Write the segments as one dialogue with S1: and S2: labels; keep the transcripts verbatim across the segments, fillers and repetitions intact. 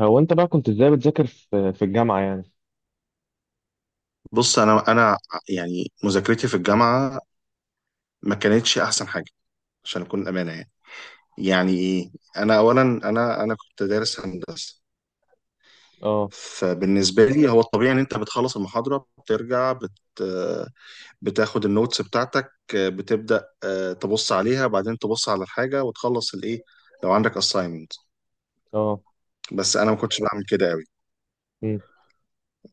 S1: هو انت بقى كنت ازاي بتذاكر في في الجامعة يعني؟
S2: بص انا انا يعني مذاكرتي في الجامعه ما كانتش احسن حاجه عشان اكون امانه يعني. يعني ايه؟ انا اولا انا انا كنت دارس هندسه.
S1: اه.
S2: فبالنسبه لي هو الطبيعي ان انت بتخلص المحاضره بترجع بت بتاخد النوتس بتاعتك، بتبدا آه، تبص عليها، بعدين تبص على الحاجه وتخلص الايه لو عندك assignment.
S1: اه.
S2: بس انا ما كنتش بعمل كده قوي،
S1: مم.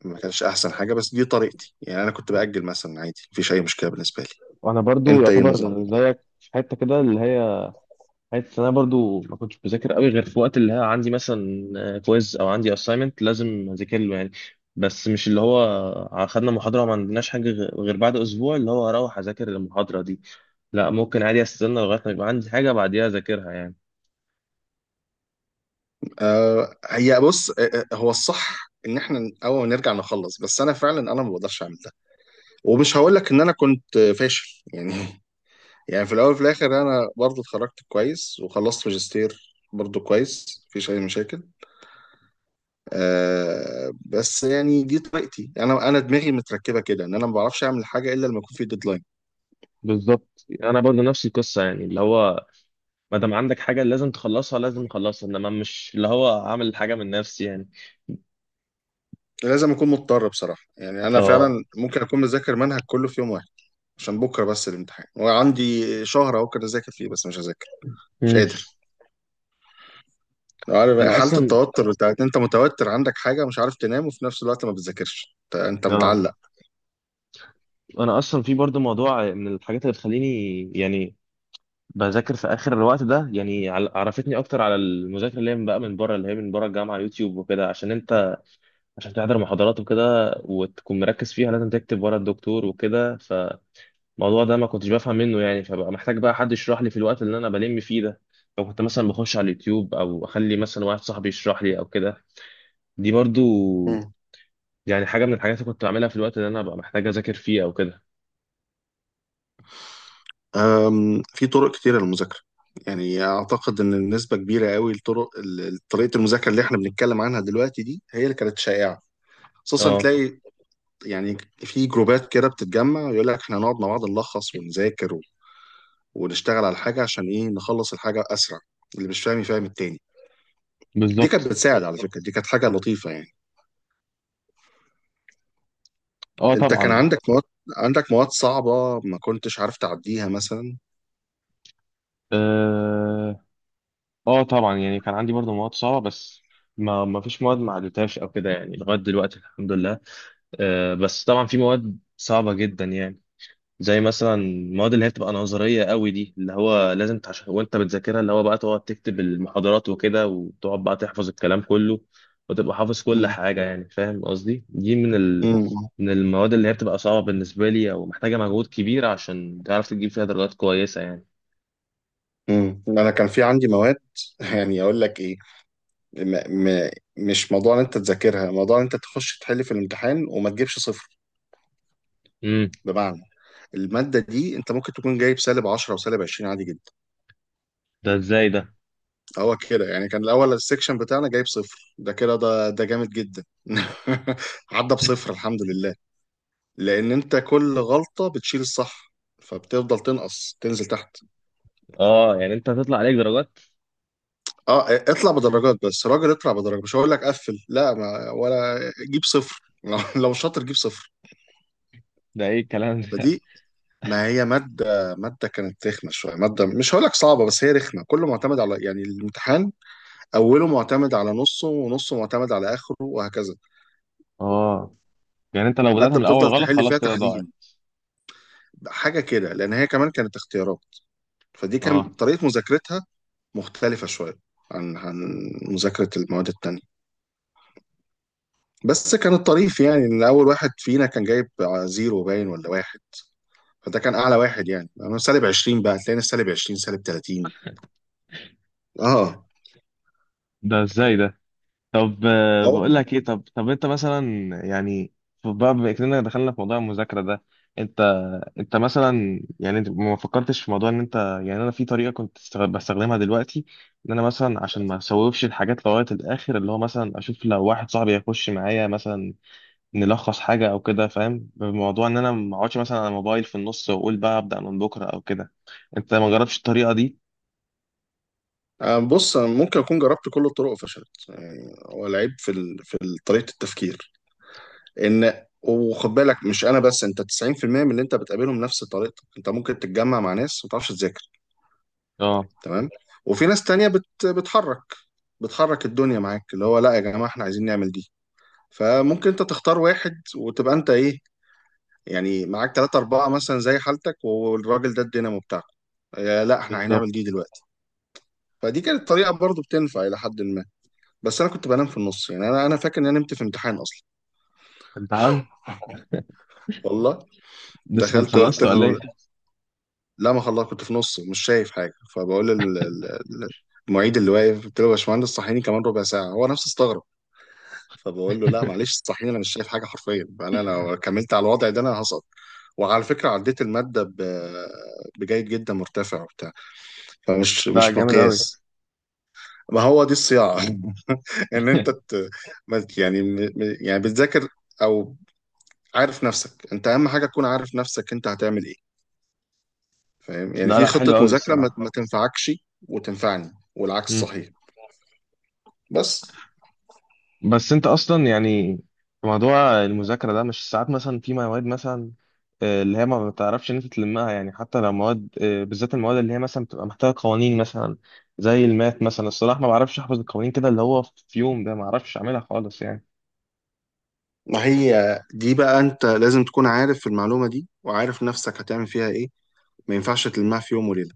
S2: ما كانش احسن حاجه، بس دي طريقتي يعني. انا كنت باجل مثلا، عادي، مفيش اي مشكله بالنسبه لي.
S1: وانا برضو
S2: انت ايه النظام؟
S1: يعتبر زيك في حتة كده اللي هي حتة، انا برضو ما كنتش بذاكر قوي غير في وقت اللي هي عندي مثلا كويز او عندي اساينمنت لازم اذاكر له يعني. بس مش اللي هو خدنا محاضرة وما عندناش حاجة غ- غير بعد اسبوع اللي هو هروح اذاكر المحاضرة دي. لا، ممكن عادي استنى لغاية ما يبقى عندي حاجة بعديها اذاكرها يعني.
S2: آه، هي بص، آه، آه، هو الصح ان احنا اول ما نرجع نخلص، بس انا فعلا انا ما بقدرش اعمل ده. ومش هقول لك ان انا كنت آه، فاشل يعني يعني في الاول وفي الاخر انا برضو اتخرجت كويس وخلصت ماجستير برضو كويس، مفيش اي مشاكل. آه بس يعني دي طريقتي، انا انا دماغي متركبه كده ان انا ما بعرفش اعمل حاجه الا لما يكون في ديدلاين.
S1: بالظبط، انا برضو نفس القصة يعني اللي هو ما دام عندك حاجة لازم تخلصها لازم تخلصها، انما مش اللي هو عامل حاجة من نفسي يعني.
S2: لازم اكون مضطر بصراحه يعني. انا
S1: اه.
S2: فعلا ممكن اكون مذاكر منهج كله في يوم واحد عشان بكره بس الامتحان، وعندي شهر اهو كده اذاكر فيه بس مش هذاكر، مش
S1: مم.
S2: قادر. عارف
S1: انا
S2: حالة
S1: اصلا
S2: التوتر بتاعت انت متوتر، عندك حاجة، مش عارف تنام، وفي نفس الوقت ما بتذاكرش، انت أنت
S1: اه
S2: متعلق.
S1: انا اصلا في برضه موضوع من الحاجات اللي بتخليني يعني بذاكر في اخر الوقت ده يعني، عل- عرفتني اكتر على المذاكره اللي هي من بقى من بره اللي هي من بره الجامعه، يوتيوب وكده، عشان انت عشان تحضر محاضرات وكده وتكون مركز فيها لازم تكتب ورا الدكتور وكده. الموضوع ده ما كنتش بفهم منه يعني، فبقى محتاج بقى حد يشرح لي في الوقت اللي انا بلم فيه ده، فكنت مثلا بخش على اليوتيوب او اخلي مثلا واحد صاحبي يشرح لي او كده. دي برضو
S2: مم.
S1: يعني حاجه من الحاجات اللي كنت بعملها في الوقت اللي انا ببقى محتاج اذاكر فيه او كده.
S2: أم، في طرق كتيرة للمذاكرة. يعني أعتقد إن نسبة كبيرة قوي لطرق ال- طريقة المذاكرة اللي إحنا بنتكلم عنها دلوقتي دي هي اللي كانت شائعة. خصوصا
S1: اه.
S2: تلاقي يعني في جروبات كده بتتجمع ويقول لك إحنا نقعد مع بعض نلخص ونذاكر و- ونشتغل على حاجة عشان إيه، نخلص الحاجة أسرع، اللي مش فاهم يفهم التاني. دي كانت
S1: بالظبط.
S2: بتساعد، على فكرة، دي كانت حاجة لطيفة يعني.
S1: اه،
S2: انت كان
S1: طبعا.
S2: عندك مواد، عندك مواد صعبة ما كنتش عارف تعديها مثلا.
S1: اه. آه طبعا يعني كان عندي برضو مواد صعبه، بس ما ما فيش مواد ما عدتهاش او كده يعني، لغايه دلوقتي الحمد لله. آه بس طبعا في مواد صعبه جدا يعني، زي مثلا المواد اللي هي بتبقى نظريه قوي دي، اللي هو لازم تح- وانت بتذاكرها اللي هو بقى تقعد تكتب المحاضرات وكده، وتقعد بقى تحفظ الكلام كله وتبقى حافظ كل
S2: مم.
S1: حاجه يعني، فاهم قصدي؟ دي من ال...
S2: مم.
S1: من المواد اللي هي بتبقى صعبه بالنسبه لي او محتاجه مجهود كبير عشان تعرف تجيب فيها درجات كويسه يعني.
S2: مم. انا كان في عندي مواد يعني اقول لك ايه، م م مش موضوع ان انت تذاكرها، موضوع ان انت تخش تحل في الامتحان وما تجيبش صفر.
S1: امم.
S2: بمعنى المادة دي انت ممكن تكون جايب سالب عشرة وسالب عشرين عادي جدا.
S1: ده ازاي ده؟
S2: هو كده يعني. كان الاول السكشن بتاعنا جايب صفر، ده كده ده ده جامد جدا عدى بصفر، الحمد لله. لان انت كل غلطة بتشيل الصح، فبتفضل تنقص تنزل تحت.
S1: اه، يعني انت هتطلع عليك درجات.
S2: اه، اطلع بدرجات، بس راجل اطلع بدرجة، مش هقول لك قفل، لا ما ولا. جيب صفر لو لو شاطر جيب صفر.
S1: ده ايه الكلام ده؟
S2: فدي، ما هي مادة، مادة كانت رخمة شوية، مادة مش هقول لك صعبة بس هي رخمة. كله معتمد على يعني الامتحان، أوله معتمد على نصه ونصه معتمد على آخره وهكذا.
S1: اه، يعني انت لو بدأت من
S2: مادة
S1: الاول
S2: بتفضل
S1: غلط
S2: تحل
S1: خلاص
S2: فيها
S1: كده ضاعت.
S2: تحليل، حاجة كده، لأن هي كمان كانت اختيارات. فدي
S1: اه.
S2: كان طريقة مذاكرتها مختلفة شوية عن عن مذاكرة المواد التانية. بس كان الطريف يعني ان اول واحد فينا كان جايب زيرو باين ولا واحد، فده كان اعلى واحد يعني. انا سالب عشرين، بقى هتلاقينا سالب عشرين سالب تلاتين. اه.
S1: ده ازاي ده؟ طب آه،
S2: اهو.
S1: بقول لك ايه، طب طب انت مثلا يعني ف- بقى بما اننا دخلنا في موضوع المذاكره ده، انت انت مثلا يعني انت ما فكرتش في موضوع ان انت يعني انا في طريقه كنت استغ- بستخدمها دلوقتي، ان انا مثلا عشان ما اسوفش الحاجات لغايه الاخر اللي هو مثلا اشوف لو واحد صاحبي هيخش معايا مثلا نلخص حاجه او كده، فاهم؟ بموضوع ان انا ما اقعدش مثلا على الموبايل في النص واقول بقى ابدا من بكره او كده. انت ما جربتش الطريقه دي؟
S2: آه، بص، أنا ممكن اكون جربت كل الطرق وفشلت يعني. هو العيب في ال... في ال- طريقه التفكير. ان وخد بالك، مش انا بس، انت تسعين في المئة من اللي انت بتقابلهم نفس طريقتك. انت ممكن تتجمع مع ناس ما تعرفش تذاكر،
S1: اه.
S2: تمام، وفي ناس تانية بت... بتحرك، بتحرك الدنيا معاك، اللي هو لا يا جماعه احنا عايزين نعمل دي. فممكن انت تختار واحد وتبقى انت ايه، يعني معاك ثلاثة أربعة مثلا زي حالتك، والراجل ده الدينامو بتاعكم، آه، لا احنا هنعمل
S1: بالظبط.
S2: دي دلوقتي. فدي كانت طريقة برضو بتنفع إلى حد ما. بس أنا كنت بنام في النص يعني. أنا أنا فاكر إن أنا نمت في امتحان أصلا.
S1: امتحان؟
S2: والله.
S1: لسه كنت
S2: دخلت قلت
S1: خلصت ولا
S2: له،
S1: ايه؟
S2: لا ما خلاص كنت في نص مش شايف حاجة، فبقول لل- ال- ال- المعيد اللي واقف، قلت له يا باشمهندس صحيني كمان ربع ساعة. هو نفسه استغرب، فبقول له لا معلش صحيني، أنا مش شايف حاجة حرفيا، أنا لو كملت على الوضع ده أنا هسقط. وعلى فكرة عديت المادة ب- بجيد جدا مرتفع. فمش
S1: لا،
S2: مش
S1: جامد قوي.
S2: مقياس. ما هو دي الصياعة ان انت ت... ما- يعني م... م- يعني بتذاكر، او عارف نفسك. انت اهم حاجة تكون عارف نفسك انت هتعمل ايه. فاهم يعني
S1: لا،
S2: في
S1: لا، حلو
S2: خطة
S1: قوي
S2: مذاكرة ما...
S1: الصراحه.
S2: ما تنفعكش، وتنفعني، والعكس
S1: مم.
S2: صحيح. بس
S1: بس انت اصلا يعني في موضوع المذاكره ده، مش ساعات مثلا في مواد مثلا آه، اللي هي ما بتعرفش ان انت تلمها يعني، حتى لو مواد آه، بالذات المواد اللي هي مثلا بتبقى محتاجه قوانين مثلا، زي المات مثلا الصراحه ما بعرفش احفظ القوانين كده اللي هو في يوم ده ما اعرفش اعملها خالص يعني.
S2: ما هي، دي بقى انت لازم تكون عارف المعلومة دي وعارف نفسك هتعمل فيها ايه. ما ينفعش تلمها في يوم وليلة.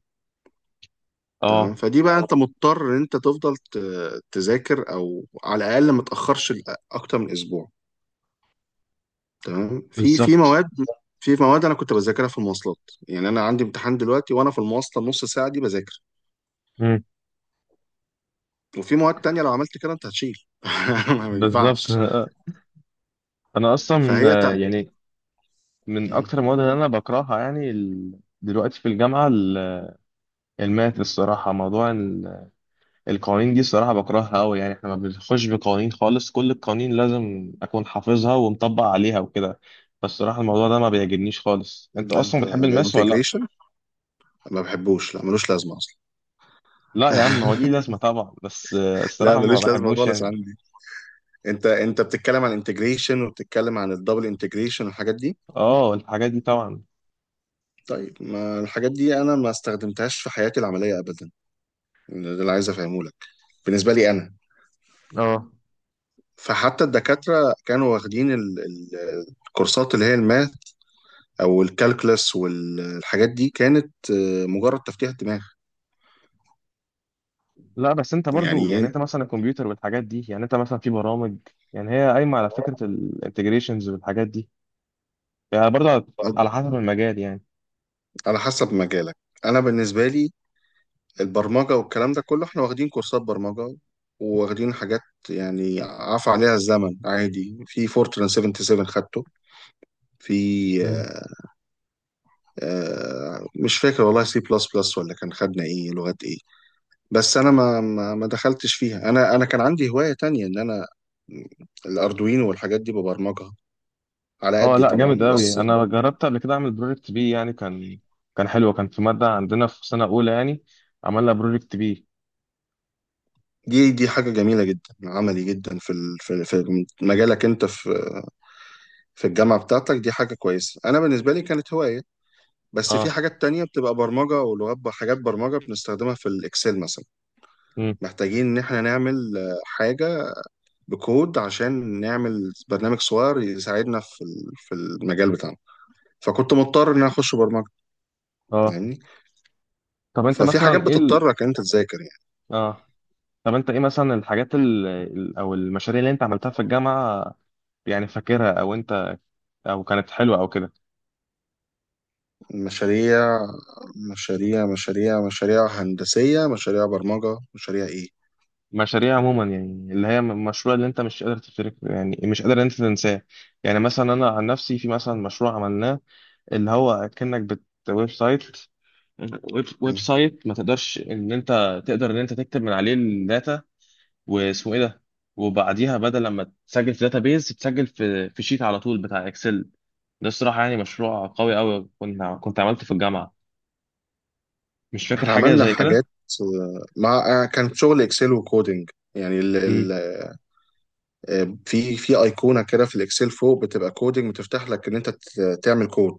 S1: اه.
S2: تمام. فدي بقى انت مضطر ان انت تفضل ت... تذاكر، او على الاقل ما تاخرش اكتر من اسبوع. تمام. في في
S1: بالظبط.
S2: مواد، في مواد انا كنت بذاكرها في المواصلات، يعني انا عندي امتحان دلوقتي وانا في المواصله النص ساعه دي بذاكر.
S1: مم.
S2: وفي مواد تانية لو عملت كده انت هتشيل ما
S1: بالظبط.
S2: ينفعش.
S1: انا اصلا
S2: فهي
S1: آه،
S2: تق...
S1: يعني من اكتر المواد اللي انا بكرهها يعني، ال- دلوقتي في الجامعه ال- الماث الصراحه، موضوع القوانين دي الصراحة بكرهها أوي يعني، إحنا ما بنخش بقوانين خالص، كل القوانين لازم أكون حافظها ومطبق عليها وكده، بس الصراحة الموضوع ده ما بيعجبنيش خالص. أنت
S2: ده انت،
S1: أصلا بتحب
S2: ده
S1: الماس ولا لأ؟
S2: انتجريشن، ما بحبوش، لا ملوش لازمه اصلا
S1: لا يا عم هو ليه لازمة طبعا، بس آه،
S2: لا
S1: الصراحة ما
S2: ملوش لازمه
S1: بحبوش
S2: خالص
S1: يعني.
S2: عندي. انت انت بتتكلم عن انتجريشن وبتتكلم عن الدبل انتجريشن والحاجات دي.
S1: أه الحاجات دي طبعا.
S2: طيب ما الحاجات دي انا ما استخدمتهاش في حياتي العمليه ابدا. ده اللي عايز افهمه لك بالنسبه لي انا.
S1: أه.
S2: فحتى الدكاترة كانوا واخدين ال- ال- الكورسات اللي هي الماث أو الكالكلس والحاجات دي كانت آه، مجرد تفتيح دماغ.
S1: لا، بس أنت برضو
S2: يعني
S1: يعني
S2: إيه؟
S1: أنت مثلا الكمبيوتر والحاجات دي، يعني أنت مثلا في برامج، يعني هي قايمة على فكرة الانتجريشنز والحاجات دي، يعني برضو على على حسب المجال
S2: على حسب مجالك. أنا بالنسبة لي البرمجة والكلام ده كله، احنا واخدين كورسات برمجة، واخدين حاجات يعني عفى عليها الزمن. عادي، في فورتران سبعة وسبعين خدته. في
S1: يعني.
S2: آه، آه، مش فاكر والله، سي بلس بلس ولا كان خدنا ايه لغات ايه. بس انا ما ما ما دخلتش فيها. انا انا كان عندي هواية تانية ان انا الاردوينو والحاجات دي ببرمجها، على
S1: اه.
S2: قدي
S1: لا، جامد
S2: طبعا.
S1: قوي،
S2: بس
S1: انا جربت قبل كده اعمل بروجكت بي يعني، كان كان حلو، كان في ماده عندنا في سنه اولى يعني عملنا بروجكت بي.
S2: دي، دي حاجة جميلة جدا، عملي جدا في ال- في في مجالك انت، في في الجامعة بتاعتك. دي حاجة كويسة. انا بالنسبة لي كانت هواية. بس في
S1: اه.
S2: حاجات تانية بتبقى برمجة ولغات، حاجات برمجة بنستخدمها في الاكسل مثلا.
S1: امم.
S2: محتاجين ان احنا نعمل آه، حاجة بكود عشان نعمل برنامج صغير يساعدنا في ال- في المجال بتاعنا. فكنت مضطر ان انا اخش برمجة
S1: اه.
S2: يعني.
S1: طب انت
S2: ففي حاجات
S1: مثلا ايه ال...
S2: بتضطرك إن انت تذاكر يعني.
S1: اه. طب انت ايه مثلا الحاجات ال... ال- او المشاريع اللي انت عملتها في الجامعه، يعني فاكرها، او انت او كانت حلوه او كده؟
S2: مشاريع، مشاريع مشاريع مشاريع هندسية، مشاريع برمجة، مشاريع ايه.
S1: مشاريع عموما يعني اللي هي م- مشروع اللي انت مش قادر تفتكر يعني، مش قادر انت تنساه، يعني مثلا انا عن نفسي في مثلا مشروع عملناه اللي هو كأنك بت ويب سايت ويب ويب
S2: مم.
S1: سايت ما تقدرش ان انت تقدر ان انت تكتب من عليه الداتا، واسمه ايه ده، وبعديها بدل لما تسجل في بيز تسجل في في شيت على طول بتاع اكسل. ده الصراحه يعني مشروع قوي قوي كنت كنت عملته في الجامعه، مش فاكر
S2: احنا
S1: حاجه
S2: عملنا
S1: زي كده.
S2: حاجات آه، مع آه، كان شغل اكسل وكودينج يعني ال ال
S1: امم.
S2: آه، في في ايقونة كده في الاكسل فوق بتبقى كودينج، بتفتح لك ان انت ت- تعمل كود.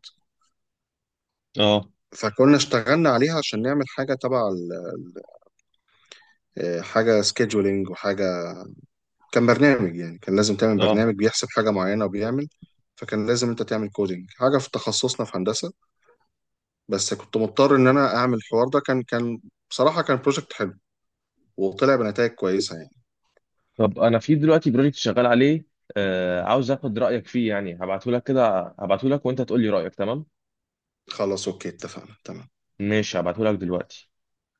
S1: اه.
S2: فكنا اشتغلنا عليها عشان نعمل حاجة تبع ال- ال- آه، حاجة سكيدولينج وحاجة. كان برنامج يعني، كان لازم تعمل
S1: اه.
S2: برنامج بيحسب حاجة معينة وبيعمل. فكان لازم انت تعمل كودينج حاجة في تخصصنا في هندسة. بس كنت مضطر ان انا اعمل الحوار ده. كان كان بصراحة كان بروجكت حلو، وطلع بنتائج كويسة يعني.
S1: طب انا في دلوقتي بروجكت شغال عليه، آه عاوز اخد رايك فيه يعني، هبعته لك كده، هبعته لك وانت تقول لي رايك تمام؟
S2: خلاص اوكي، اتفقنا، تمام.
S1: ماشي، هبعته لك دلوقتي.